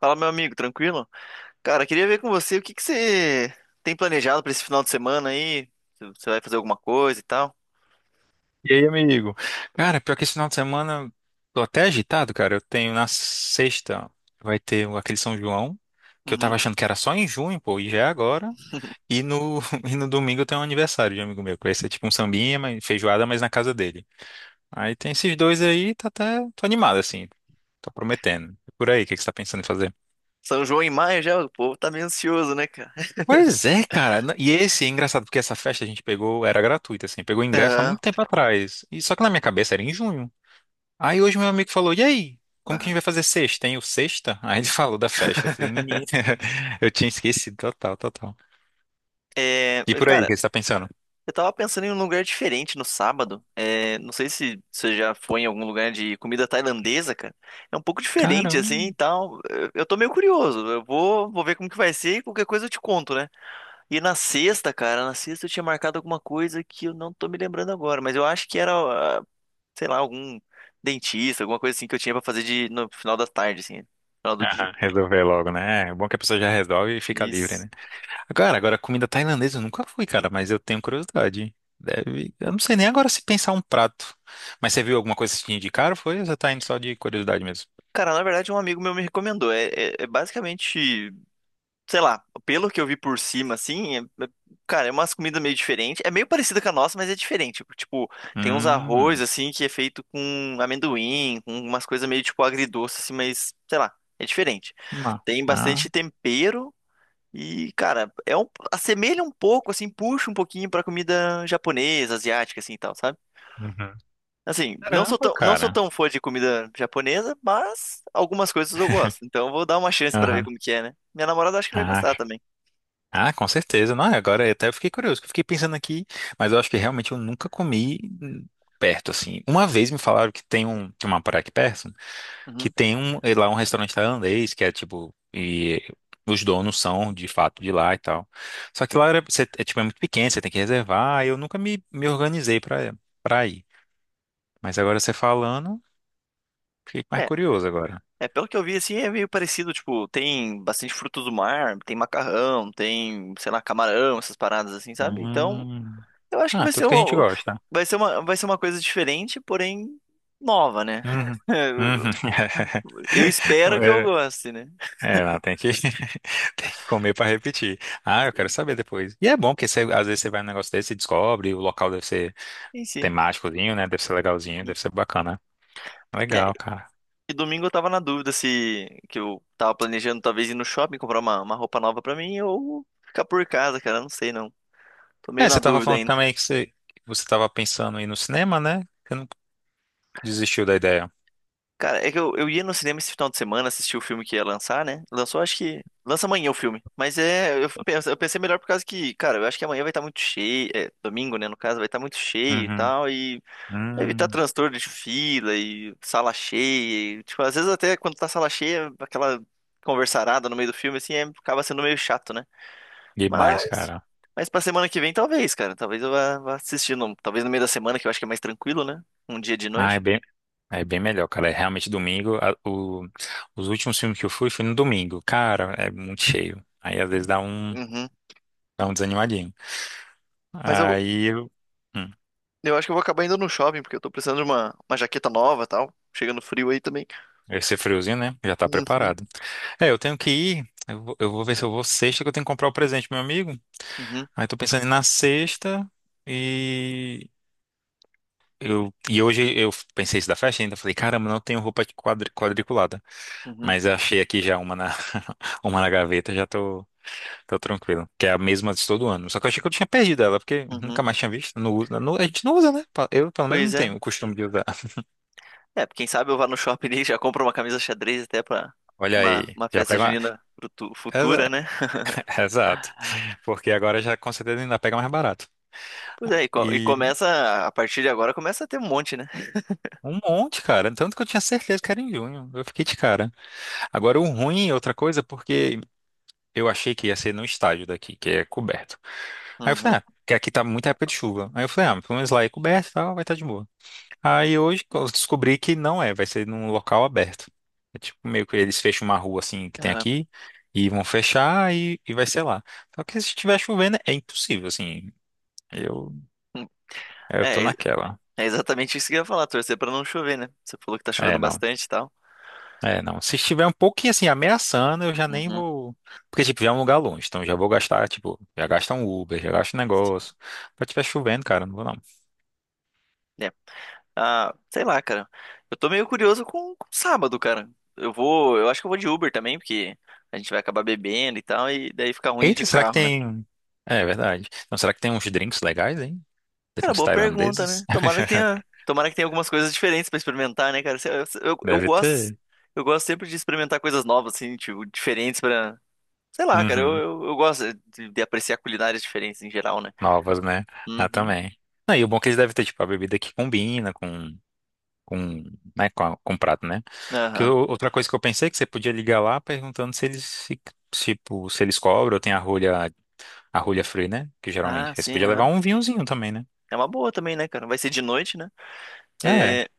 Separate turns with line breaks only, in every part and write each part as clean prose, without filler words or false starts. Fala, meu amigo, tranquilo? Cara, queria ver com você o que você tem planejado pra esse final de semana aí? Se você vai fazer alguma coisa e tal?
E aí, amigo? Cara, pior que esse final de semana tô até agitado, cara. Eu tenho na sexta aquele São João, que eu tava
Uhum.
achando que era só em junho, pô, e já é agora. E no, e no domingo eu tenho um aniversário de um amigo meu, que vai ser tipo um sambinha, feijoada, mas na casa dele. Aí tem esses dois aí, tá até, tô animado, assim. Tô prometendo. E por aí, o que que você tá pensando em fazer?
São João em maio já, o povo tá meio ansioso, né, cara?
Pois é, cara. E esse é engraçado, porque essa festa a gente pegou, era gratuita, assim, pegou ingresso há
Aham,
muito tempo atrás. E só que na minha cabeça era em junho. Aí hoje meu amigo falou, e aí? Como que a gente
aham.
vai fazer sexta, hein? O sexta? Aí ele falou da festa. Eu falei, menino, eu tinha esquecido total, total.
É,
E por aí, o
cara,
que você tá pensando?
eu tava pensando em um lugar diferente no sábado. É, não sei se você já foi em algum lugar de comida tailandesa, cara. É um pouco diferente,
Caramba.
assim, e tal. Eu tô meio curioso. Eu vou, vou ver como que vai ser e qualquer coisa eu te conto, né? E na sexta, cara, na sexta eu tinha marcado alguma coisa que eu não tô me lembrando agora, mas eu acho que era, ah, sei lá, algum dentista, alguma coisa assim que eu tinha pra fazer de, no final da tarde, assim, no final do dia.
Aham, resolver logo, né? É bom que a pessoa já resolve e fica livre,
Isso.
né? Agora, agora, comida tailandesa eu nunca fui, cara, mas eu tenho curiosidade. Deve... Eu não sei nem agora se pensar um prato. Mas você viu alguma coisa que te indicaram, foi? Ou você tá indo só de curiosidade mesmo?
Cara, na verdade, um amigo meu me recomendou. É, é basicamente, sei lá, pelo que eu vi por cima, assim, cara, é umas comidas meio diferentes. É meio parecida com a nossa, mas é diferente. Tipo, tem uns arroz,
Hum,
assim, que é feito com amendoim, com umas coisas meio, tipo, agridoce, assim, mas, sei lá, é diferente.
que ma-
Tem
ah,
bastante tempero. E, cara, é um, assemelha um pouco, assim, puxa um pouquinho pra comida japonesa, asiática, assim, e tal, sabe?
uhum.
Assim, não sou
Caramba,
tão, não sou
cara.
tão fã de comida japonesa, mas algumas coisas eu gosto. Então eu vou dar uma chance pra ver
Aham.
como que é, né? Minha namorada acho que vai
Ah,
gostar também.
Ah, com certeza. Não, agora eu até fiquei curioso, que eu fiquei pensando aqui, mas eu acho que realmente eu nunca comi perto, assim. Uma vez me falaram que tem um, tem uma praia aqui perto, que
Uhum.
tem um, lá um restaurante tailandês, que é tipo, e os donos são de fato de lá e tal. Só que lá era, é, tipo, é muito pequeno, você tem que reservar, e eu nunca me, me organizei pra, pra ir. Mas agora você falando, fiquei mais
É,
curioso agora.
é, pelo que eu vi, assim, é meio parecido, tipo, tem bastante frutos do mar, tem macarrão, tem, sei lá, camarão, essas paradas assim, sabe? Então,
Hum.
eu acho que
Ah,
vai ser
tudo que a gente
uma,
gosta.
vai ser uma, vai ser uma coisa diferente, porém nova, né?
Uhum. Uhum.
Eu espero que eu goste, né?
É, ela tem que, tem que comer para repetir. Ah, eu quero
Sim.
saber depois. E é bom, porque às vezes você vai num negócio desse e descobre, o local deve ser
Sim, sim.
temáticozinho, né? Deve ser legalzinho,
Uhum.
deve ser bacana.
É,
Legal, cara.
e domingo eu tava na dúvida se que eu tava planejando talvez ir no shopping comprar uma roupa nova pra mim ou ficar por casa, cara. Não sei não. Tô meio
É,
na
você tava
dúvida
falando
ainda.
também que você tava pensando em ir no cinema, né? Você não desistiu da ideia.
Cara, é que eu ia no cinema esse final de semana assistir o filme que ia lançar, né? Lançou, acho que. Lança amanhã o filme. Mas é. Eu, eu pensei melhor por causa que, cara, eu acho que amanhã vai estar muito cheio. É, domingo, né? No caso, vai estar muito cheio e
Uhum.
tal. E evitar
Hum,
transtorno de fila e sala cheia. E, tipo, às vezes até quando tá sala cheia, aquela conversarada no meio do filme, assim, acaba sendo meio chato, né?
demais,
Mas,
cara.
mas pra semana que vem, talvez, cara. Talvez eu vá assistindo. Talvez no meio da semana, que eu acho que é mais tranquilo, né? Um dia de
Ah,
noite.
é bem melhor, cara. É realmente domingo. Os últimos filmes que eu fui, fui no domingo. Cara, é muito cheio. Aí às vezes
Uhum.
dá um desanimadinho.
Mas
Aí, eu- hum,
eu acho que eu vou acabar indo no shopping, porque eu tô precisando de uma jaqueta nova e tal. Chegando frio aí também.
esse friozinho, né? Já tá
Uhum,
preparado. É, eu tenho que ir. Eu vou ver se eu vou sexta, que eu tenho que comprar o presente, pro meu amigo.
uhum,
Aí tô pensando em ir na sexta e. Eu, e hoje eu pensei isso da festa ainda. Falei, caramba, não tenho roupa de quadriculada.
uhum,
Mas eu achei aqui já uma na, uma na gaveta, já tô, tô tranquilo. Que é a mesma de todo ano. Só que eu achei que eu tinha perdido ela, porque
uhum.
nunca mais tinha visto. Não usa, a gente não usa, né? Eu, pelo menos, não
Pois é.
tenho o costume de usar.
É, quem sabe eu vá no shopping e já compro uma camisa xadrez até pra
Olha
uma,
aí,
uma
já
festa
pega uma.
junina futura, né?
Exato. Porque agora já com certeza ainda pega mais barato.
Pois é, e, e
E
começa, a partir de agora, começa a ter um monte, né?
um monte, cara. Tanto que eu tinha certeza que era em junho. Eu fiquei de cara. Agora, o ruim é outra coisa, porque eu achei que ia ser no estádio daqui, que é coberto. Aí eu falei,
Uhum,
ah, que aqui tá muita época de chuva. Aí eu falei, ah, pelo menos lá é coberto e tal, vai estar de boa. Aí hoje eu descobri que não é, vai ser num local aberto. É tipo meio que eles fecham uma rua assim que tem
aham.
aqui e vão fechar e vai ser lá. Só que se estiver chovendo é impossível, assim. Eu, eu tô
É,
naquela.
é exatamente isso que eu ia falar, torcer pra não chover, né? Você falou que tá chovendo
É, não.
bastante e tal.
É, não. Se estiver um pouquinho assim ameaçando, eu já nem
Uhum,
vou. Porque, tipo, já é um lugar longe, então já vou gastar, tipo, já gasta um Uber, já gasta um
sim.
negócio. Se estiver chovendo, cara, não vou não.
É. Ah, sei lá, cara. Eu tô meio curioso com sábado, cara. Eu vou, eu acho que eu vou de Uber também, porque a gente vai acabar bebendo e tal, e daí fica ruim de
Eita, será que
carro, né?
tem. É, verdade. Então, será que tem uns drinks legais, hein?
Cara,
Drinks
boa pergunta,
tailandeses?
né? Tomara que tenha, tomara que tenha algumas coisas diferentes pra experimentar, né, cara? Eu, eu
Deve
gosto,
ter.
eu gosto sempre de experimentar coisas novas, assim, tipo, diferentes pra. Sei lá, cara, eu,
Uhum.
eu, eu gosto de apreciar culinárias diferentes em geral, né?
Novas, né? Ah,
Uhum,
também. Não, e o bom é que eles devem ter, tipo, a bebida que combina com, né, com, com prato, né? Porque
aham.
outra coisa que eu pensei é que você podia ligar lá perguntando se eles, tipo, se eles cobram ou tem a rolha free, né? Que
Ah,
geralmente. Aí você
sim,
podia levar
aham.
um vinhozinho também, né?
É uma boa também, né, cara? Vai ser de noite, né?
É.
É,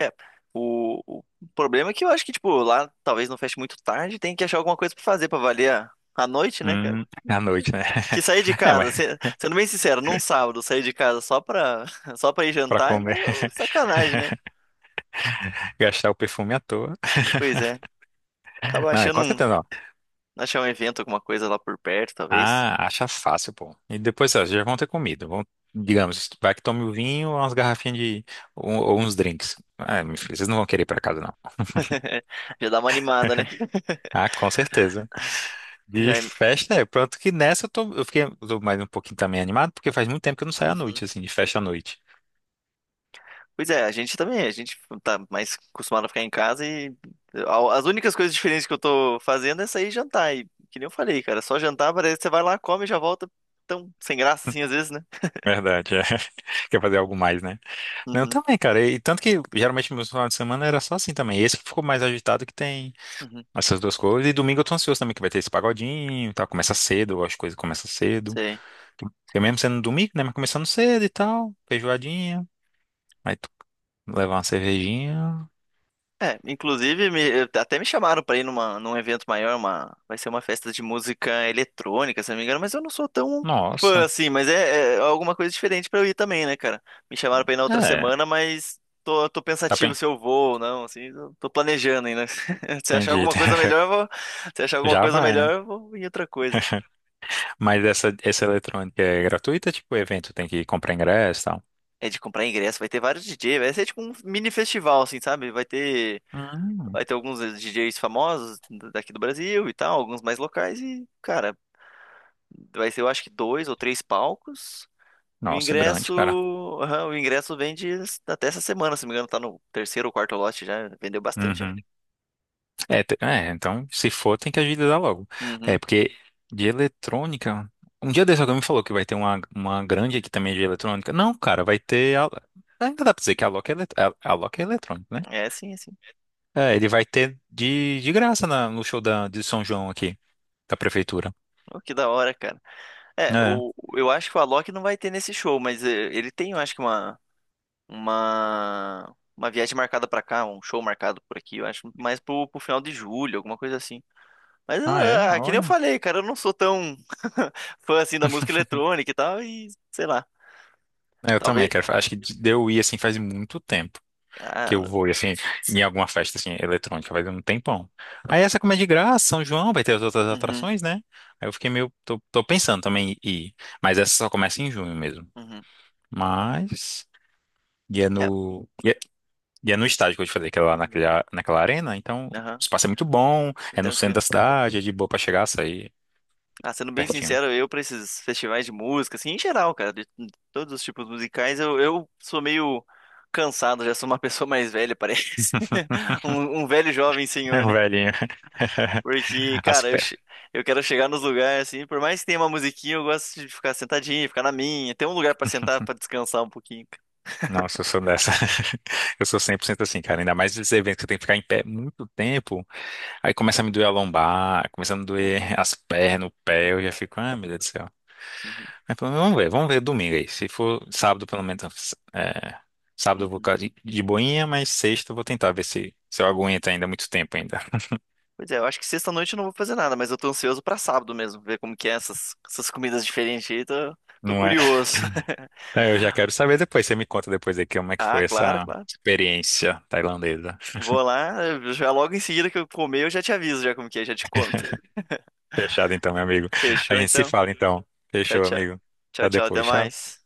é. O problema é que eu acho que, tipo, lá talvez não feche muito tarde, tem que achar alguma coisa pra fazer pra valer a noite, né, cara?
Hum, à noite, né?
Que sair de
É, mas
casa, sendo bem sincero, num sábado sair de casa só pra ir
pra
jantar é
comer,
meio sacanagem, né?
gastar o perfume à toa.
Pois é. Acaba
Não, é com certeza não.
achar um evento, alguma coisa lá por perto, talvez.
Ah, acha fácil, pô. E depois, ó, já vão ter comido. Vão, digamos, vai que tome o vinho, umas garrafinhas de. Ou uns drinks. É, meu filho, vocês não vão querer ir pra casa, não.
Já dá uma animada, né?
Ah, com certeza. De
Já é...
festa, é. Pronto que nessa eu tô, eu fiquei, eu tô mais um pouquinho também animado, porque faz muito tempo que eu não saio à noite,
Uhum.
assim, de festa à noite.
Pois é, a gente tá mais acostumado a ficar em casa e as únicas coisas diferentes que eu tô fazendo é sair e jantar. E que nem eu falei, cara, só jantar parece que você vai lá, come e já volta tão sem graça assim às vezes, né?
Verdade, é. Quer fazer algo mais, né? Não,
Uhum,
também, cara. E tanto que geralmente meus finais de semana era só assim também. Esse que ficou mais agitado que tem
uhum,
essas duas coisas. E domingo eu tô ansioso também, que vai ter esse pagodinho e tal. Começa cedo, as coisas começam cedo.
sei.
Porque mesmo sendo domingo, né? Mas começando cedo e tal, feijoadinha. Aí tu levar uma cervejinha.
É, inclusive, até me chamaram pra ir numa, num evento maior, uma, vai ser uma festa de música eletrônica, se não me engano, mas eu não sou tão fã
Nossa.
assim, mas é, é alguma coisa diferente pra eu ir também, né, cara? Me chamaram pra ir na outra
É,
semana, mas tô
tá
pensativo
bem.
se eu vou ou não, assim, tô planejando ainda. Se achar
Entendi.
alguma coisa melhor, eu vou, se achar alguma
Já
coisa
vai,
melhor,
né?
eu vou em outra coisa.
Mas essa eletrônica é gratuita? Tipo, o evento tem que comprar ingresso e tal?
É de comprar ingresso, vai ter vários DJ, vai ser tipo um mini festival, assim, sabe? Vai ter,
Hum,
vai ter alguns DJs famosos daqui do Brasil e tal, alguns mais locais e, cara. Vai ser, eu acho que dois ou três palcos. E o
nossa, grande,
ingresso,
cara.
aham, o ingresso vende até essa semana, se não me engano, tá no terceiro ou quarto lote já, vendeu bastante já.
Uhum. É, é, então, se for, tem que agilizar logo. É,
Uhum.
porque de eletrônica. Um dia desse alguém me falou que vai ter uma grande aqui também de eletrônica. Não, cara, vai ter. Ainda dá pra dizer que a Loki é, a Loki é eletrônica, né?
É, sim, é sim.
É, ele vai ter de graça no show da, de São João aqui, da prefeitura.
Oh, que da hora, cara. É,
É.
o, eu acho que o Alok não vai ter nesse show, mas ele tem, eu acho que uma viagem marcada pra cá, um show marcado por aqui, eu acho mais pro final de julho, alguma coisa assim. Mas, eu,
Ah, é?
ah, que nem eu
Olha.
falei, cara, eu não sou tão fã assim da música eletrônica e tal, e sei lá.
É, Eu também,
Talvez.
cara. Acho que deu eu ir assim faz muito tempo. Que eu
Ah,
vou, e, assim, em alguma festa, assim, eletrônica, vai um tempão. Aí essa, como é de graça, São João, vai ter as outras
uhum,
atrações, né? Aí eu fiquei meio, tô, tô pensando também em ir, mas essa só começa em junho mesmo.
uhum.
Mas, e é
É,
no, e é, e é no estádio que eu te falei, que é lá
uhum,
naquela, naquela arena, então o
aham,
espaço é muito bom,
foi
é no centro
tranquilo.
da cidade, é de boa pra chegar, sair
Ah, sendo bem
pertinho.
sincero, eu pra esses festivais de música, assim, em geral, cara, de todos os tipos musicais, eu sou meio cansado, já sou uma pessoa mais velha, parece. Um velho jovem
É
senhor,
um
né?
velhinho,
Porque,
as
cara,
pé.
eu quero chegar nos lugares, assim, por mais que tenha uma musiquinha, eu gosto de ficar sentadinho, ficar na minha, ter um lugar pra sentar, pra descansar um pouquinho, cara.
Nossa, eu sou dessa. Eu sou 100% assim, cara. Ainda mais esses eventos que tem que ficar em pé muito tempo. Aí começa a me doer a lombar, começa a me doer
Uhum,
as pernas, o pé, eu já fico, ah, meu Deus do céu.
uhum,
Mas pelo menos vamos ver domingo aí. Se for sábado, pelo menos, é, sábado eu vou
uhum.
ficar de boinha, mas sexta eu vou tentar ver se, se eu aguento ainda muito tempo ainda.
Pois é, eu acho que sexta-noite eu não vou fazer nada, mas eu tô ansioso pra sábado mesmo, ver como que é essas comidas diferentes aí, tô, tô
Não é?
curioso.
Aí Eu já quero saber depois, você me conta depois aqui como é que
Ah,
foi
claro,
essa
claro.
experiência tailandesa.
Vou lá, eu já logo em seguida que eu comer, eu já te aviso já como que é, já te conto.
Fechado então, meu amigo. A
Fechou
gente se
então?
fala então.
Tchau,
Fechou,
tchau.
amigo.
Tchau,
Até
tchau, até
depois, tchau.
mais.